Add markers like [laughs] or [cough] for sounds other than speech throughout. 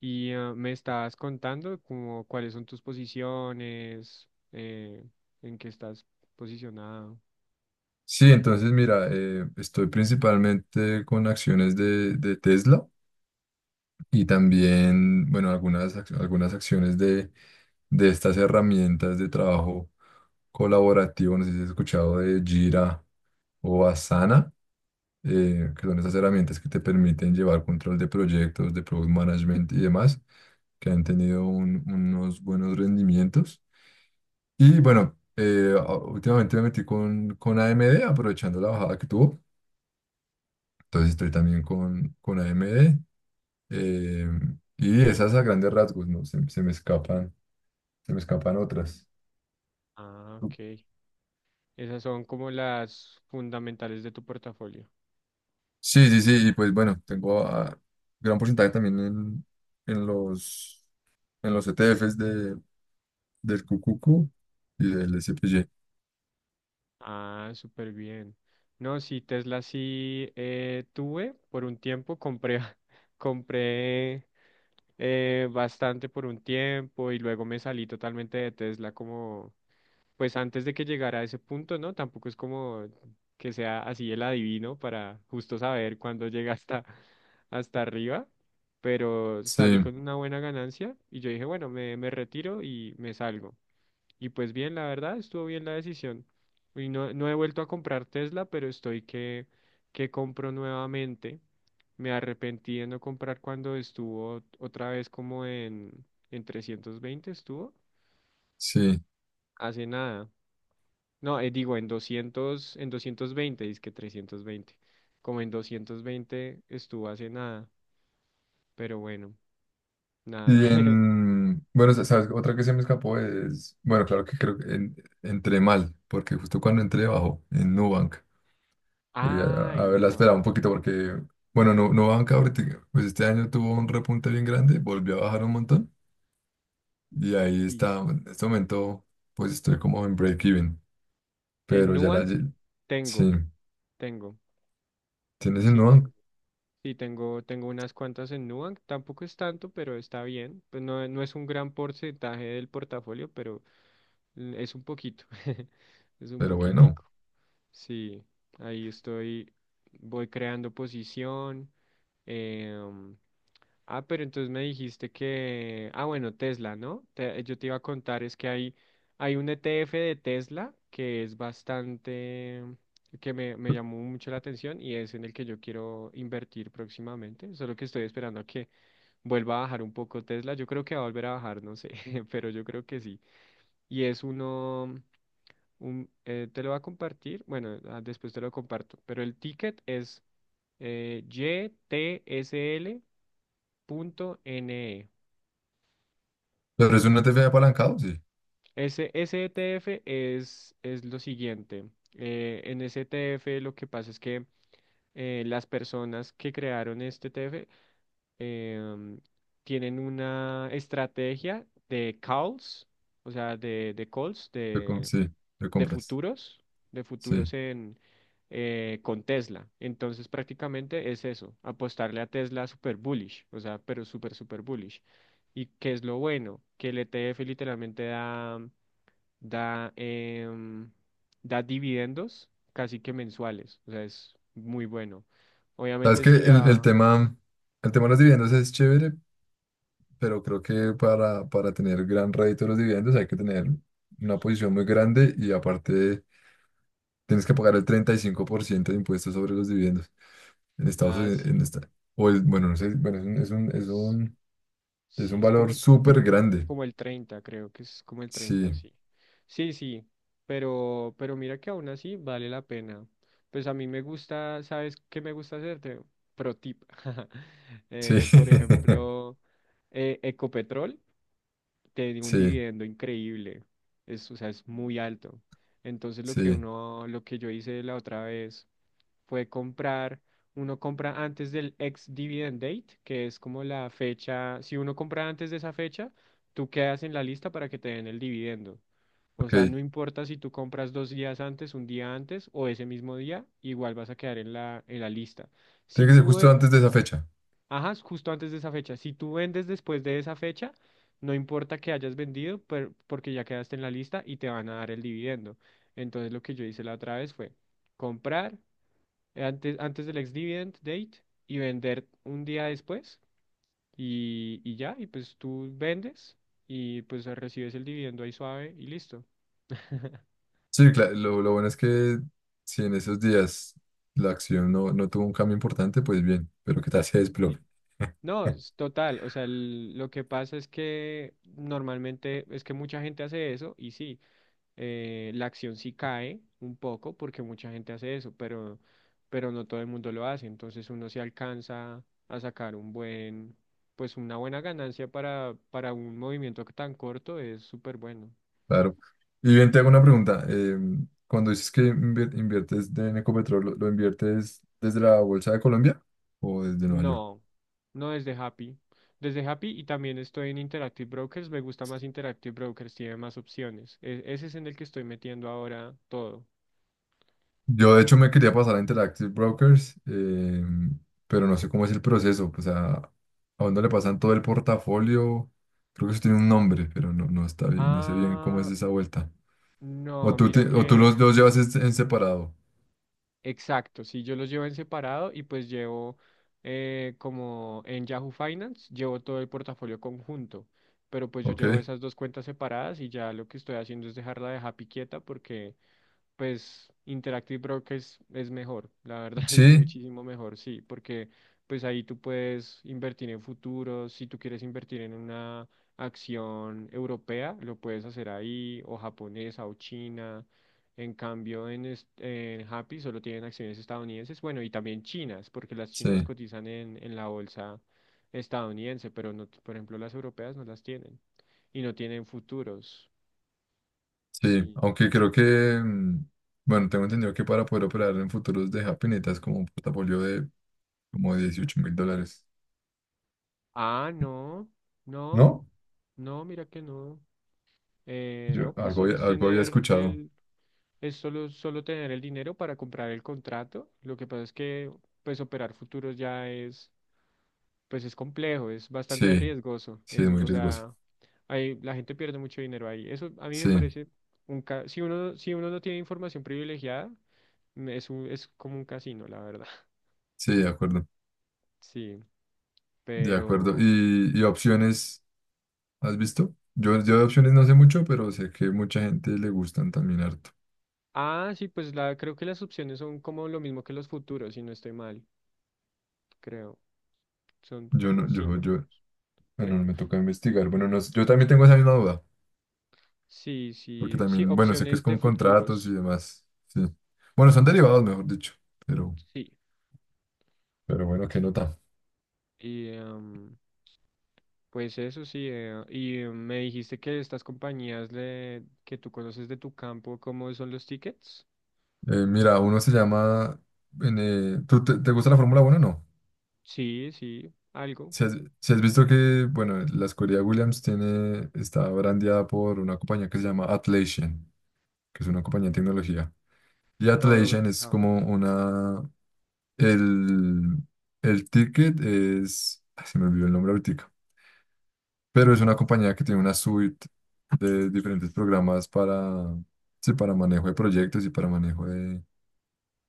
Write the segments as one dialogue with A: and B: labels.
A: Y me estabas contando como cuáles son tus posiciones, en qué estás posicionado.
B: Sí, entonces mira, estoy principalmente con acciones de Tesla y también, bueno, algunas acciones de estas herramientas de trabajo colaborativo. No sé si has escuchado de Jira o Asana, que son esas herramientas que te permiten llevar control de proyectos, de product management y demás, que han tenido unos buenos rendimientos. Y bueno, últimamente me metí con AMD, aprovechando la bajada que tuvo. Entonces estoy también con AMD. eh, y esas a grandes rasgos, ¿no? Se me escapan, se me escapan otras.
A: Ah, ok. Esas son como las fundamentales de tu portafolio.
B: Sí, sí, sí. Y pues bueno, tengo gran porcentaje también en los, en los ETFs de, del QQQ y del SPY.
A: Ah, súper bien. No, sí, Tesla sí tuve por un tiempo, compré, [laughs] compré bastante por un tiempo y luego me salí totalmente de Tesla como pues antes de que llegara a ese punto, ¿no? Tampoco es como que sea así el adivino para justo saber cuándo llega hasta, hasta arriba, pero salí
B: Sí,
A: con una buena ganancia y yo dije, bueno, me retiro y me salgo. Y pues bien, la verdad, estuvo bien la decisión. Y no, no he vuelto a comprar Tesla, pero estoy que compro nuevamente. Me arrepentí de no comprar cuando estuvo otra vez como en 320 estuvo
B: sí.
A: hace nada. No, digo, en doscientos veinte, dice que 320. Como en 220 estuvo hace nada, pero bueno, nada.
B: Y
A: [laughs]
B: en, bueno, sabes, otra que se me escapó es, bueno, claro que creo que entré mal, porque justo cuando entré bajó en Nubank. Sí,
A: Ah,
B: a
A: en
B: ver, la
A: Nubank,
B: espera un poquito porque, bueno, no, no bajan cada ahorita. Pues este año tuvo un repunte bien grande, volvió a bajar un montón. Y ahí
A: sí.
B: está, en este momento, pues estoy como en break-even.
A: En
B: Pero ya
A: Nubank
B: sí,
A: tengo, tengo,
B: tienes el
A: sí tengo.
B: no
A: Sí, tengo, tengo unas cuantas en Nubank, tampoco es tanto, pero está bien. Pues no, no es un gran porcentaje del portafolio, pero es un poquito, [laughs] es un
B: pero bueno.
A: poquitico. Sí, ahí estoy, voy creando posición. em, Ah, pero entonces me dijiste que, bueno, Tesla, ¿no? Yo te iba a contar, es que hay un ETF de Tesla que es bastante, que me llamó mucho la atención y es en el que yo quiero invertir próximamente, solo que estoy esperando a que vuelva a bajar un poco Tesla, yo creo que va a volver a bajar, no sé, [laughs] pero yo creo que sí. Y es te lo va a compartir, bueno, después te lo comparto, pero el ticket es YTSL.NE.
B: Pero es un ETF apalancado, sí.
A: Ese ETF es lo siguiente. En ese ETF lo que pasa es que las personas que crearon este ETF em, tienen una estrategia de calls, o sea, de calls, de,
B: Sí, lo
A: de
B: compras.
A: futuros, de
B: Sí.
A: futuros con Tesla. Entonces prácticamente es eso, apostarle a Tesla super bullish, o sea, pero super, super bullish. ¿Y qué es lo bueno? Que el ETF literalmente da, em, da dividendos casi que mensuales, o sea, es muy bueno.
B: Sabes
A: Obviamente
B: que
A: sí le
B: el
A: va,
B: tema, el tema de los dividendos es chévere, pero creo que para tener gran rédito de los dividendos hay que tener una posición muy grande y aparte tienes que pagar el 35% de impuestos sobre los dividendos en Estados Unidos. En
A: sí,
B: esta, o el, bueno, no sé, bueno,
A: es,
B: es
A: sí,
B: un
A: es como
B: valor
A: el,
B: súper grande.
A: como el 30, creo que es como el 30,
B: Sí,
A: sí. Sí, sí, pero mira que aún así vale la pena. Pues a mí me gusta, ¿sabes qué me gusta hacerte? Pro tip. [laughs]
B: sí,
A: Por
B: [laughs]
A: ejemplo, Ecopetrol tiene un
B: sí,
A: dividendo increíble. Es, o sea, es muy alto. Entonces
B: sí.
A: lo que yo hice la otra vez fue comprar, uno compra antes del ex dividend date, que es como la fecha, si uno compra antes de esa fecha, tú quedas en la lista para que te den el dividendo. O
B: Ok.
A: sea, no importa si tú compras dos días antes, un día antes o ese mismo día, igual vas a quedar en la lista. Si
B: Tiene que ser
A: tú
B: justo antes de esa fecha.
A: ajá, es justo antes de esa fecha. Si tú vendes después de esa fecha, no importa que hayas vendido, porque ya quedaste en la lista y te van a dar el dividendo. Entonces lo que yo hice la otra vez fue comprar antes, antes del ex dividend date y vender un día después y, ya, y pues tú vendes y pues recibes el dividendo ahí suave y listo. [laughs]
B: Sí, claro, lo bueno es que si en esos días la acción no, no tuvo un cambio importante, pues bien, pero que tal se desplome.
A: Sí. No, es total, o sea, lo que pasa es que normalmente es que mucha gente hace eso y sí. La acción sí cae un poco porque mucha gente hace eso, pero no todo el mundo lo hace. Entonces uno se alcanza a sacar un buen, pues una buena ganancia para un movimiento tan corto es súper bueno.
B: Claro. Y bien, te hago una pregunta. Cuando dices que en Ecopetrol, lo inviertes desde la Bolsa de Colombia o desde Nueva York?
A: No, no desde Happy. Desde Happy y también estoy en Interactive Brokers. Me gusta más Interactive Brokers, tiene más opciones. Ese es en el que estoy metiendo ahora todo.
B: Yo, de hecho, me quería pasar a Interactive Brokers, pero no sé cómo es el proceso. O sea, ¿a dónde le pasan todo el portafolio? Creo que eso tiene un nombre, pero no, no está bien, no sé bien cómo es
A: Ah,
B: esa vuelta.
A: no, mira
B: O tú los
A: que.
B: dos llevas en separado.
A: Exacto, sí, yo los llevo en separado y pues llevo como en Yahoo Finance, llevo todo el portafolio conjunto, pero pues yo llevo
B: Ok.
A: esas dos cuentas separadas y ya lo que estoy haciendo es dejarla de Happy quieta porque pues Interactive Broker es mejor, la verdad, [laughs] es
B: Sí,
A: muchísimo mejor, sí, porque pues ahí tú puedes invertir en futuros, si tú quieres invertir en una acción europea, lo puedes hacer ahí, o japonesa, o china, en cambio en Happy solo tienen acciones estadounidenses, bueno, y también chinas, porque las chinas
B: sí.
A: cotizan en la bolsa estadounidense, pero no, por ejemplo, las europeas no las tienen, y no tienen futuros.
B: Sí,
A: Sí.
B: aunque creo que, bueno, tengo entendido que para poder operar en futuros de Happy necesitas como un portafolio de como 18.000 dólares.
A: Ah, no. No,
B: ¿No?
A: no, mira que no.
B: Yo
A: No, pues
B: algo,
A: solo es
B: algo había
A: tener
B: escuchado.
A: el, es solo tener el dinero para comprar el contrato. Lo que pasa es que, pues, operar futuros ya es, pues, es complejo, es bastante
B: Sí,
A: riesgoso.
B: sí,
A: Es,
B: es muy
A: o
B: riesgoso.
A: sea, la gente pierde mucho dinero ahí. Eso a mí
B: Sí,
A: me parece si uno no tiene información privilegiada, es es como un casino, la verdad. [laughs]
B: sí, de acuerdo,
A: Sí,
B: de acuerdo.
A: pero,
B: Y opciones has visto? Yo de opciones no sé mucho, pero sé que mucha gente le gustan también harto.
A: sí, pues, creo que las opciones son como lo mismo que los futuros, si no estoy mal, creo. Son
B: Yo
A: como
B: no, yo,
A: sinónimo,
B: yo, Bueno,
A: creo.
B: me toca investigar. Bueno, no, sé, yo también tengo esa misma duda.
A: Sí,
B: Porque
A: sí, sí,
B: también, bueno, sé que es
A: opciones de
B: con contratos y
A: futuros,
B: demás. Sí. Bueno, son derivados, mejor dicho. Pero,
A: sí.
B: pero bueno, qué nota.
A: Y pues eso sí, y me dijiste que estas compañías le, que tú conoces de tu campo, ¿cómo son los tickets?
B: Mira, uno se llama. ¿Tú te gusta la Fórmula uno o no?
A: Sí, sí, algo.
B: Si has, si has visto que, bueno, la escudería Williams tiene, está brandeada por una compañía que se llama Atlassian, que es una compañía de
A: Mm,
B: tecnología. Y
A: no, no me he
B: Atlassian es
A: fijado.
B: como una. El, el ticket es. Ay, se me olvidó el nombre ahorita. Pero es una compañía que tiene una suite de diferentes programas para, sí, para manejo de proyectos y para manejo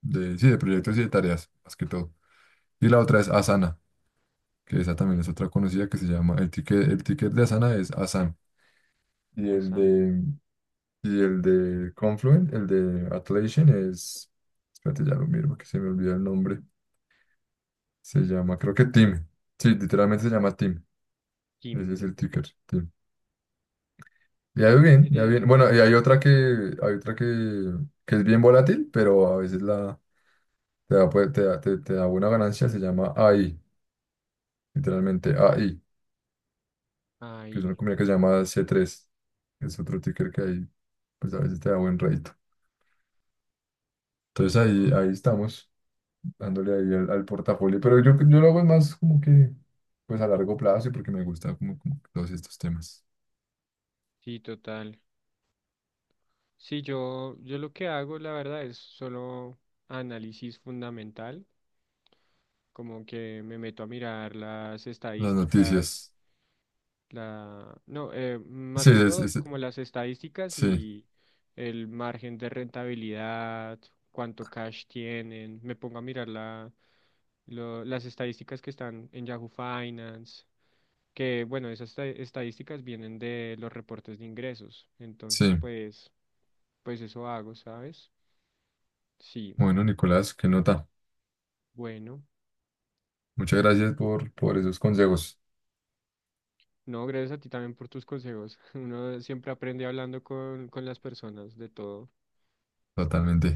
B: de, sí, de proyectos y de tareas, más que todo. Y la otra es Asana, que esa también es otra conocida que se llama, el ticket de Asana es Asana. Y el
A: Asan
B: de, y el de Confluent, el de Atlassian es, espérate, ya lo miro, que se me olvida el nombre, se llama, creo que Team, sí, literalmente se llama Team, ese
A: Kim.
B: es el ticker. Le ha ido bien, le ha ido bien.
A: Tere,
B: Bueno, y hay otra que es bien volátil, pero a veces la, te da, pues, te da buena ganancia, se llama AI, literalmente AI, que es una
A: ahí.
B: compañía que se llama C3 que es otro ticker que ahí, pues a veces te da buen rédito. Entonces ahí,
A: Ah,
B: ahí estamos, dándole ahí al portafolio, pero yo lo hago más como que, pues a largo plazo y porque me gusta como, como todos estos temas.
A: sí, total. Sí, yo lo que hago, la verdad, es solo análisis fundamental. Como que me meto a mirar las
B: Las
A: estadísticas,
B: noticias.
A: no, más
B: Sí,
A: que
B: es-
A: todo
B: es-
A: como las estadísticas
B: sí,
A: y el margen de rentabilidad, cuánto cash tienen, me pongo a mirar las estadísticas que están en Yahoo Finance, que bueno, esas estadísticas vienen de los reportes de ingresos, entonces
B: sí.
A: pues, pues eso hago, ¿sabes? Sí,
B: Bueno, Nicolás, qué nota.
A: bueno.
B: Muchas gracias por esos consejos.
A: No, gracias a ti también por tus consejos. [laughs] Uno siempre aprende hablando con las personas de todo.
B: Totalmente.